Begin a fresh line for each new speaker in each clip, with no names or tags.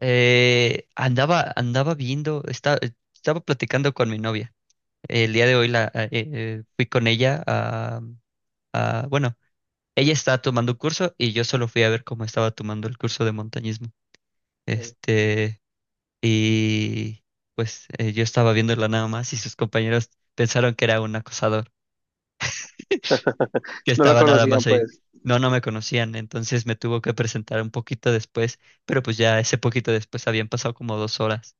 Andaba viendo, estaba platicando con mi novia. El día de hoy fui con ella a, ella estaba tomando un curso y yo solo fui a ver cómo estaba tomando el curso de montañismo.
Sí.
Este, y pues yo estaba viéndola nada más y sus compañeros pensaron que era un acosador, que
No lo
estaba nada
conocían,
más ahí.
pues,
No, no me conocían, entonces me tuvo que presentar un poquito después, pero pues ya ese poquito después habían pasado como 2 horas.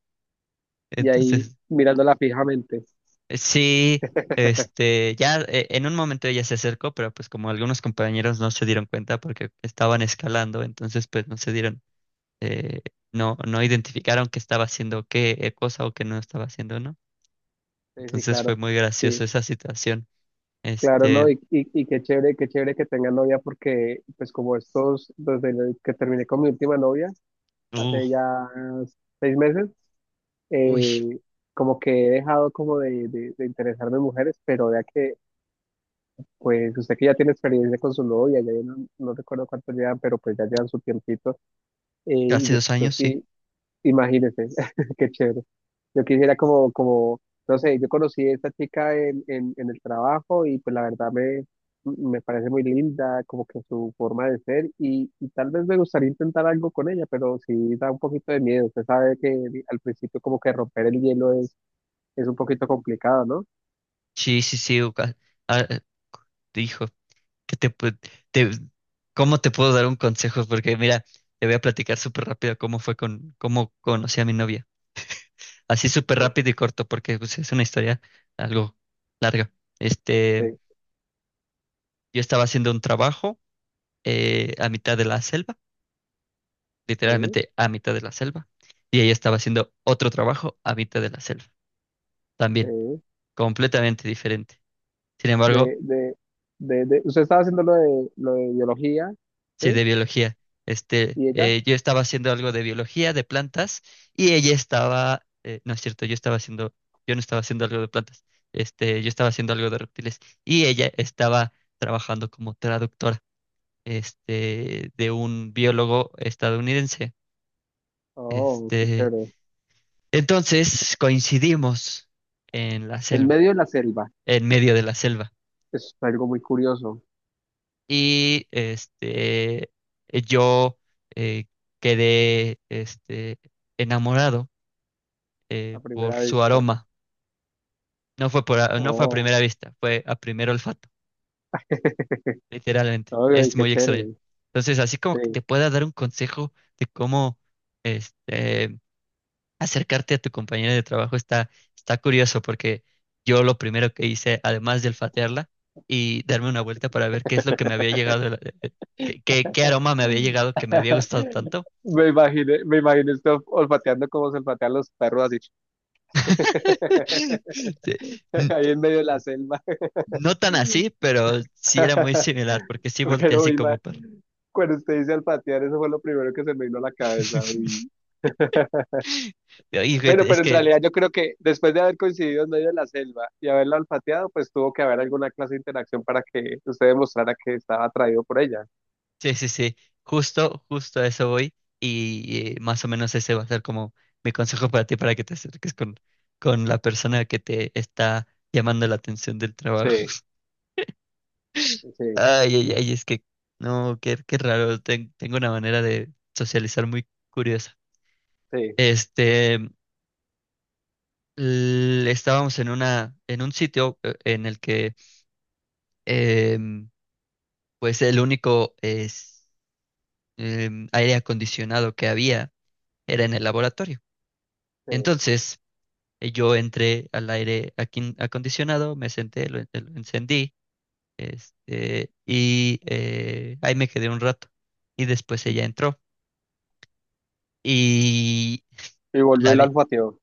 y ahí
Entonces
mirándola fijamente.
Sí. Ya en un momento ella se acercó, pero pues como algunos compañeros no se dieron cuenta porque estaban escalando, entonces pues no se dieron, eh, no, no identificaron que estaba haciendo qué cosa o que no estaba haciendo, ¿no?
Sí, sí,
Entonces fue
claro,
muy
sí,
gracioso esa situación.
claro, ¿no?
Este,
Y qué chévere que tenga novia porque, pues, como estos, desde el que terminé con mi última novia,
uh,
hace ya seis meses,
Uy,
eh, como que he dejado como de interesarme en mujeres, pero ya que, pues, usted que ya tiene experiencia con su novia, no, recuerdo cuánto llevan, pero pues ya llevan su tiempito, y
hace
yo,
dos
yo
años, sí.
sí, Imagínese, qué chévere. Yo quisiera no sé, yo conocí a esta chica en el trabajo y pues la verdad me parece muy linda, como que su forma de ser y tal vez me gustaría intentar algo con ella, pero sí da un poquito de miedo. Usted sabe que al principio como que romper el hielo es un poquito complicado, ¿no?
Sí, sí, sí. u- ca- ah, Dijo, que te, pu- te- ¿Cómo te puedo dar un consejo? Porque mira, te voy a platicar súper rápido cómo conocí a mi novia. Así súper
Sí,
rápido y corto, porque pues es una historia algo larga. Este,
sí,
yo estaba haciendo un trabajo a mitad de la selva,
sí,
literalmente a mitad de la selva, y ella estaba haciendo otro trabajo a mitad de la selva también,
sí.
completamente diferente. Sin embargo,
De, de, usted estaba haciendo lo de biología,
sí,
¿sí?
de biología.
¿Y ella?
Yo estaba haciendo algo de biología, de plantas, y ella estaba, no es cierto, yo estaba haciendo, yo no estaba haciendo algo de plantas, yo estaba haciendo algo de reptiles, y ella estaba trabajando como traductora, de un biólogo estadounidense.
Oh, qué
Este,
chévere.
entonces coincidimos en la
En
selva,
medio de la selva.
en medio de la selva.
Es algo muy curioso
Y este, yo eh, quedé enamorado
a
por
primera
su
vista.
aroma. No fue a
Oh,
primera vista, fue a primer olfato, literalmente.
ay,
Es
qué
muy extraño.
chévere.
Entonces, así como que te
Sí.
pueda dar un consejo de cómo este, acercarte a tu compañera de trabajo está, está curioso porque yo lo primero que hice, además de olfatearla y darme una vuelta para ver qué es lo que me había llegado, de la- de- qué, qué- qué aroma me había llegado que me había gustado tanto.
Me imaginé esto olfateando como se olfatean los perros así.
Sí, n-
Ahí en medio de la selva.
no tan así, pero sí era muy similar porque sí volteé
Pero
así
ima-
como perro.
cuando usted dice olfatear, eso fue lo primero que se me vino a la cabeza. Uy.
Y, güey,
Bueno,
es
pero en
que
realidad yo creo que después de haber coincidido en medio de la selva y haberla olfateado, pues tuvo que haber alguna clase de interacción para que usted demostrara que estaba atraído por ella.
sí, sí, sí. Justo, justo a eso voy. Y más o menos ese va a ser como mi consejo para ti para que te acerques con la persona que te está llamando la atención del trabajo.
Sí, sí,
Ay, ay, ay, es que no, qué, qué raro. Tengo una manera de socializar muy curiosa.
sí,
Este, Estábamos en una, en un sitio en el que em, pues el único aire acondicionado que había era en el laboratorio.
sí.
Entonces, yo entré al acondicionado, me senté, lo encendí, ahí me quedé un rato. Y después ella entró. Y
Y
la
volver
vi-
al patio.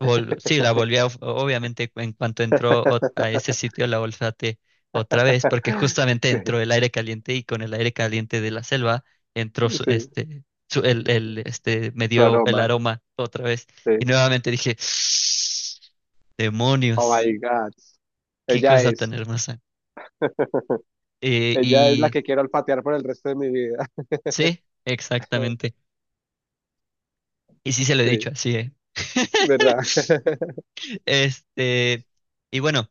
sí, la volví a obviamente, en cuanto entró a ese sitio, la olfateé otra vez, porque justamente
Sí,
entró el aire caliente y con el aire caliente de la selva entró
sí,
me
su
dio el
aroma.
aroma otra vez. Y
Sí.
nuevamente dije,
Oh
demonios.
my God.
Qué
Ella
cosa
es,
tan hermosa. Eh,
ella es la
y
que quiero olfatear por el resto de mi vida.
sí, exactamente. Y sí se lo he dicho
Sí,
así, ¿eh?
¿verdad?
Este, y bueno,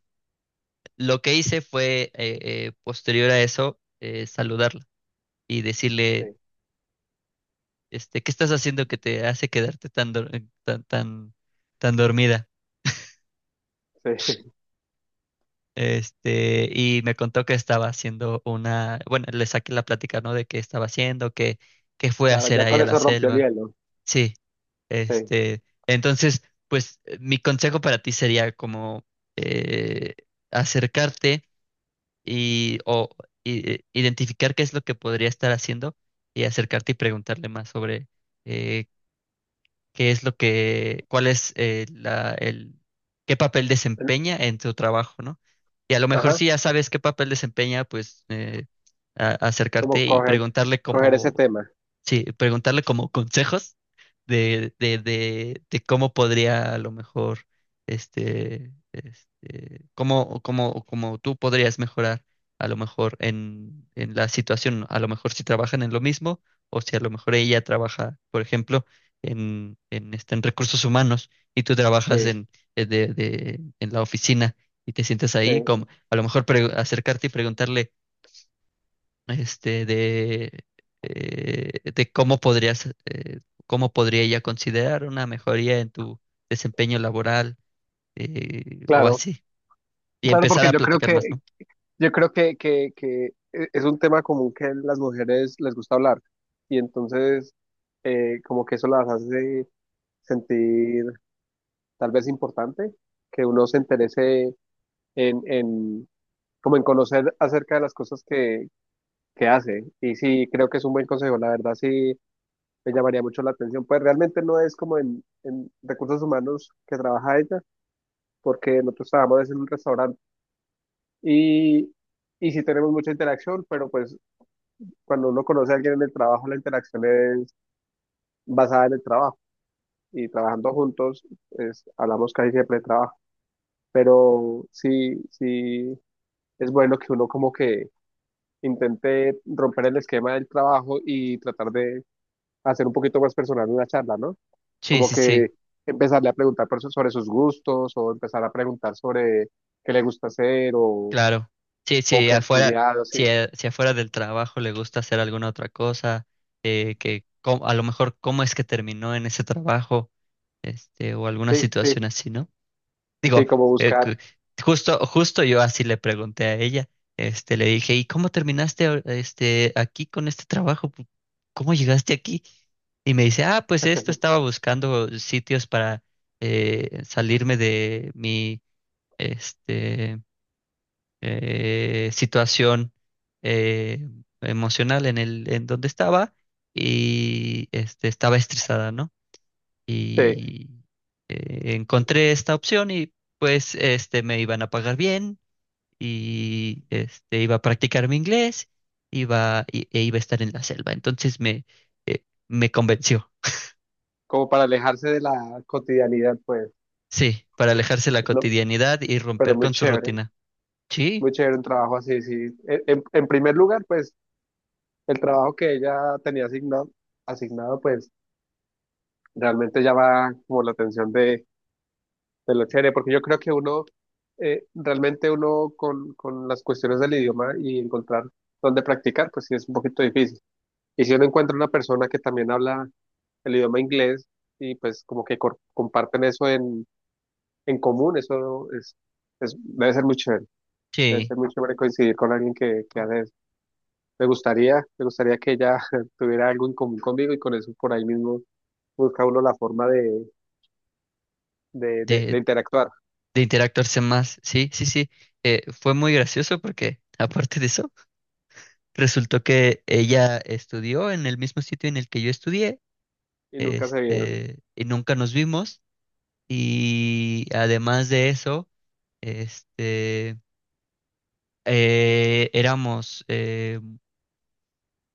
lo que hice fue, posterior a eso, saludarla y
Sí,
decirle, ¿qué estás haciendo que te hace quedarte tan dormida?
sí.
Y me contó que estaba haciendo una, bueno, le saqué la plática, ¿no? De qué estaba haciendo, qué fue a
Claro,
hacer
ya
ahí
con
a la
eso rompió el
selva.
hielo.
Sí.
Sí.
Entonces, pues mi consejo para ti sería como eh, acercarte y identificar qué es lo que podría estar haciendo y acercarte y preguntarle más sobre eh, qué es lo que, cuál es qué papel
El-
desempeña en tu trabajo, ¿no? Y a lo mejor
Ajá.
si ya sabes qué papel desempeña, pues acercarte
Como
y
coger,
preguntarle
coger ese
como
tema.
sí, preguntarle como consejos de cómo podría a lo mejor, cómo tú podrías mejorar a lo mejor en la situación, a lo mejor si trabajan en lo mismo o si a lo mejor ella trabaja, por ejemplo, en recursos humanos y tú trabajas
Sí,
en la oficina y te sientes ahí,
sí.
como a lo mejor acercarte y preguntarle este, de, de cómo podrías, cómo podría ella considerar una mejoría en tu desempeño laboral, o
Claro.
así. Y
Claro,
empezar
porque
a platicar más, ¿no?
yo creo que, que es un tema común que las mujeres les gusta hablar. Y entonces, como que eso las hace sentir tal vez importante, que uno se interese en, como en conocer acerca de las cosas que hace. Y sí, creo que es un buen consejo, la verdad sí me llamaría mucho la atención. Pues realmente no es como en recursos humanos que trabaja ella, porque nosotros trabajamos en un restaurante y, y sí tenemos mucha interacción, pero pues cuando uno conoce a alguien en el trabajo, la interacción es basada en el trabajo y trabajando juntos, es, hablamos casi siempre de trabajo. Pero sí, sí, es bueno que uno como que intente romper el esquema del trabajo y tratar de hacer un poquito más personal una charla, ¿no?
Sí,
Como
sí, sí,
que empezarle a preguntar por sobre sus gustos o empezar a preguntar sobre qué le gusta hacer
claro. Sí,
o
sí,
qué ha
afuera,
estudiado, sí,
si, si afuera del trabajo le gusta hacer alguna otra cosa, a lo mejor cómo es que terminó en ese trabajo, o alguna
sí, sí,
situación así, ¿no?
sí,
Digo,
como
eh,
buscar,
cu- justo, justo yo así le pregunté a ella, le dije, ¿y cómo terminaste aquí con este trabajo? ¿Cómo llegaste aquí? Y me dice, ah, pues esto estaba buscando sitios para salirme de mi este, situación eh, emocional en el, en donde estaba y estaba estresada, ¿no?
sí,
Y encontré esta opción y pues me iban a pagar bien y iba a practicar mi inglés, e iba a estar en la selva. Entonces me convenció.
como para alejarse de la cotidianidad, pues,
Sí, para alejarse de la
¿no?
cotidianidad y
Pero
romper con su rutina. Sí,
muy chévere un trabajo así, sí. En en primer lugar, pues, el trabajo que ella tenía asignado, asignado pues realmente llama como la atención de lo chévere, porque yo creo que uno, realmente uno con las cuestiones del idioma y encontrar dónde practicar, pues sí es un poquito difícil. Y si uno encuentra una persona que también habla el idioma inglés y pues como que comparten eso en común, eso es, debe ser muy chévere, debe
sí,
ser muy chévere coincidir con alguien que hace eso. Me gustaría que ella tuviera algo en común conmigo y con eso por ahí mismo busca uno la forma de
de,
interactuar
de interactuarse más. Sí, sí, sí. Fue muy gracioso porque, aparte de eso, resultó que ella estudió en el mismo sitio en el que yo estudié,
y nunca se vieron.
y nunca nos vimos. Y además de eso, este, éramos,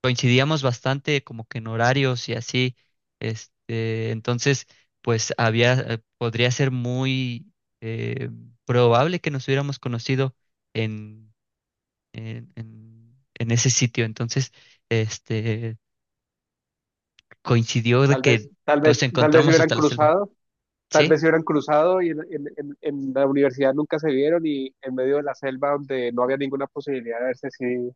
coincidíamos bastante como que en horarios y así. Entonces, pues había, podría ser muy eh, probable que nos hubiéramos conocido en, en ese sitio. Entonces, este, coincidió de
Tal vez,
que
tal
nos
vez, tal vez se
encontramos
hubieran
hasta la selva.
cruzado, tal vez
Sí,
se hubieran cruzado y en la universidad nunca se vieron y en medio de la selva donde no había ninguna posibilidad de verse si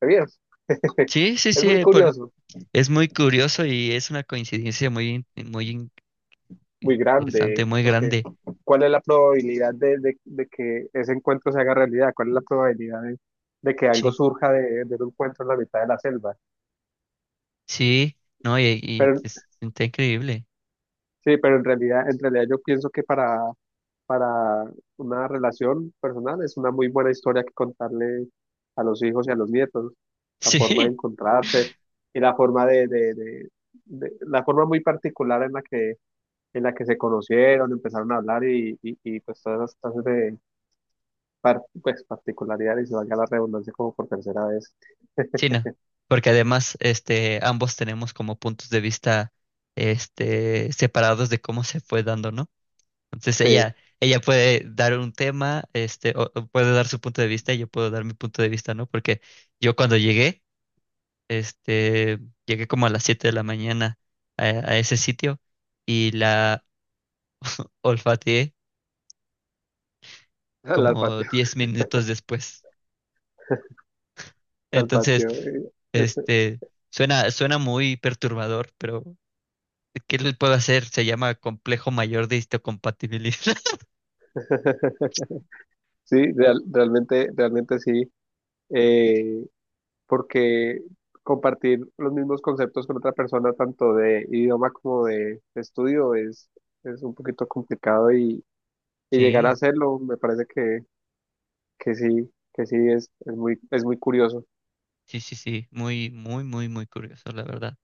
se vieron.
sí, sí,
Es muy
sí, por,
curioso,
es muy curioso y es una coincidencia muy
muy
interesante,
grande,
muy
porque
grande.
¿cuál es la probabilidad de que ese encuentro se haga realidad? ¿Cuál es la probabilidad de que algo
Sí.
surja de un encuentro en la mitad de la selva?
Sí, no, y
Pero
es- está increíble.
sí, pero en realidad yo pienso que para una relación personal es una muy buena historia que contarle a los hijos y a los nietos, la forma de
Sí,
encontrarse y la forma la forma muy particular en la que se conocieron, empezaron a hablar pues todas las clases de pues, particularidades y se valga la redundancia como por tercera vez.
sí, no. Porque además, ambos tenemos como puntos de vista, separados de cómo se fue dando, ¿no? Entonces
Sí,
ella puede dar un tema, o puede dar su punto de vista y yo puedo dar mi punto de vista, ¿no? Porque yo cuando llegué, este, llegué como a las 7 de la mañana a ese sitio y la olfateé
al
como
patio,
10 minutos después.
al
Entonces,
patio.
este, suena, suena muy perturbador, pero ¿qué le puedo hacer? Se llama complejo mayor de histocompatibilidad.
Sí, realmente, realmente sí. Eh, porque compartir los mismos conceptos con otra persona, tanto de idioma como de estudio, es un poquito complicado y llegar a
Sí,
hacerlo me parece que sí es muy curioso.
sí, sí, sí, muy, muy, muy, muy curioso, la verdad.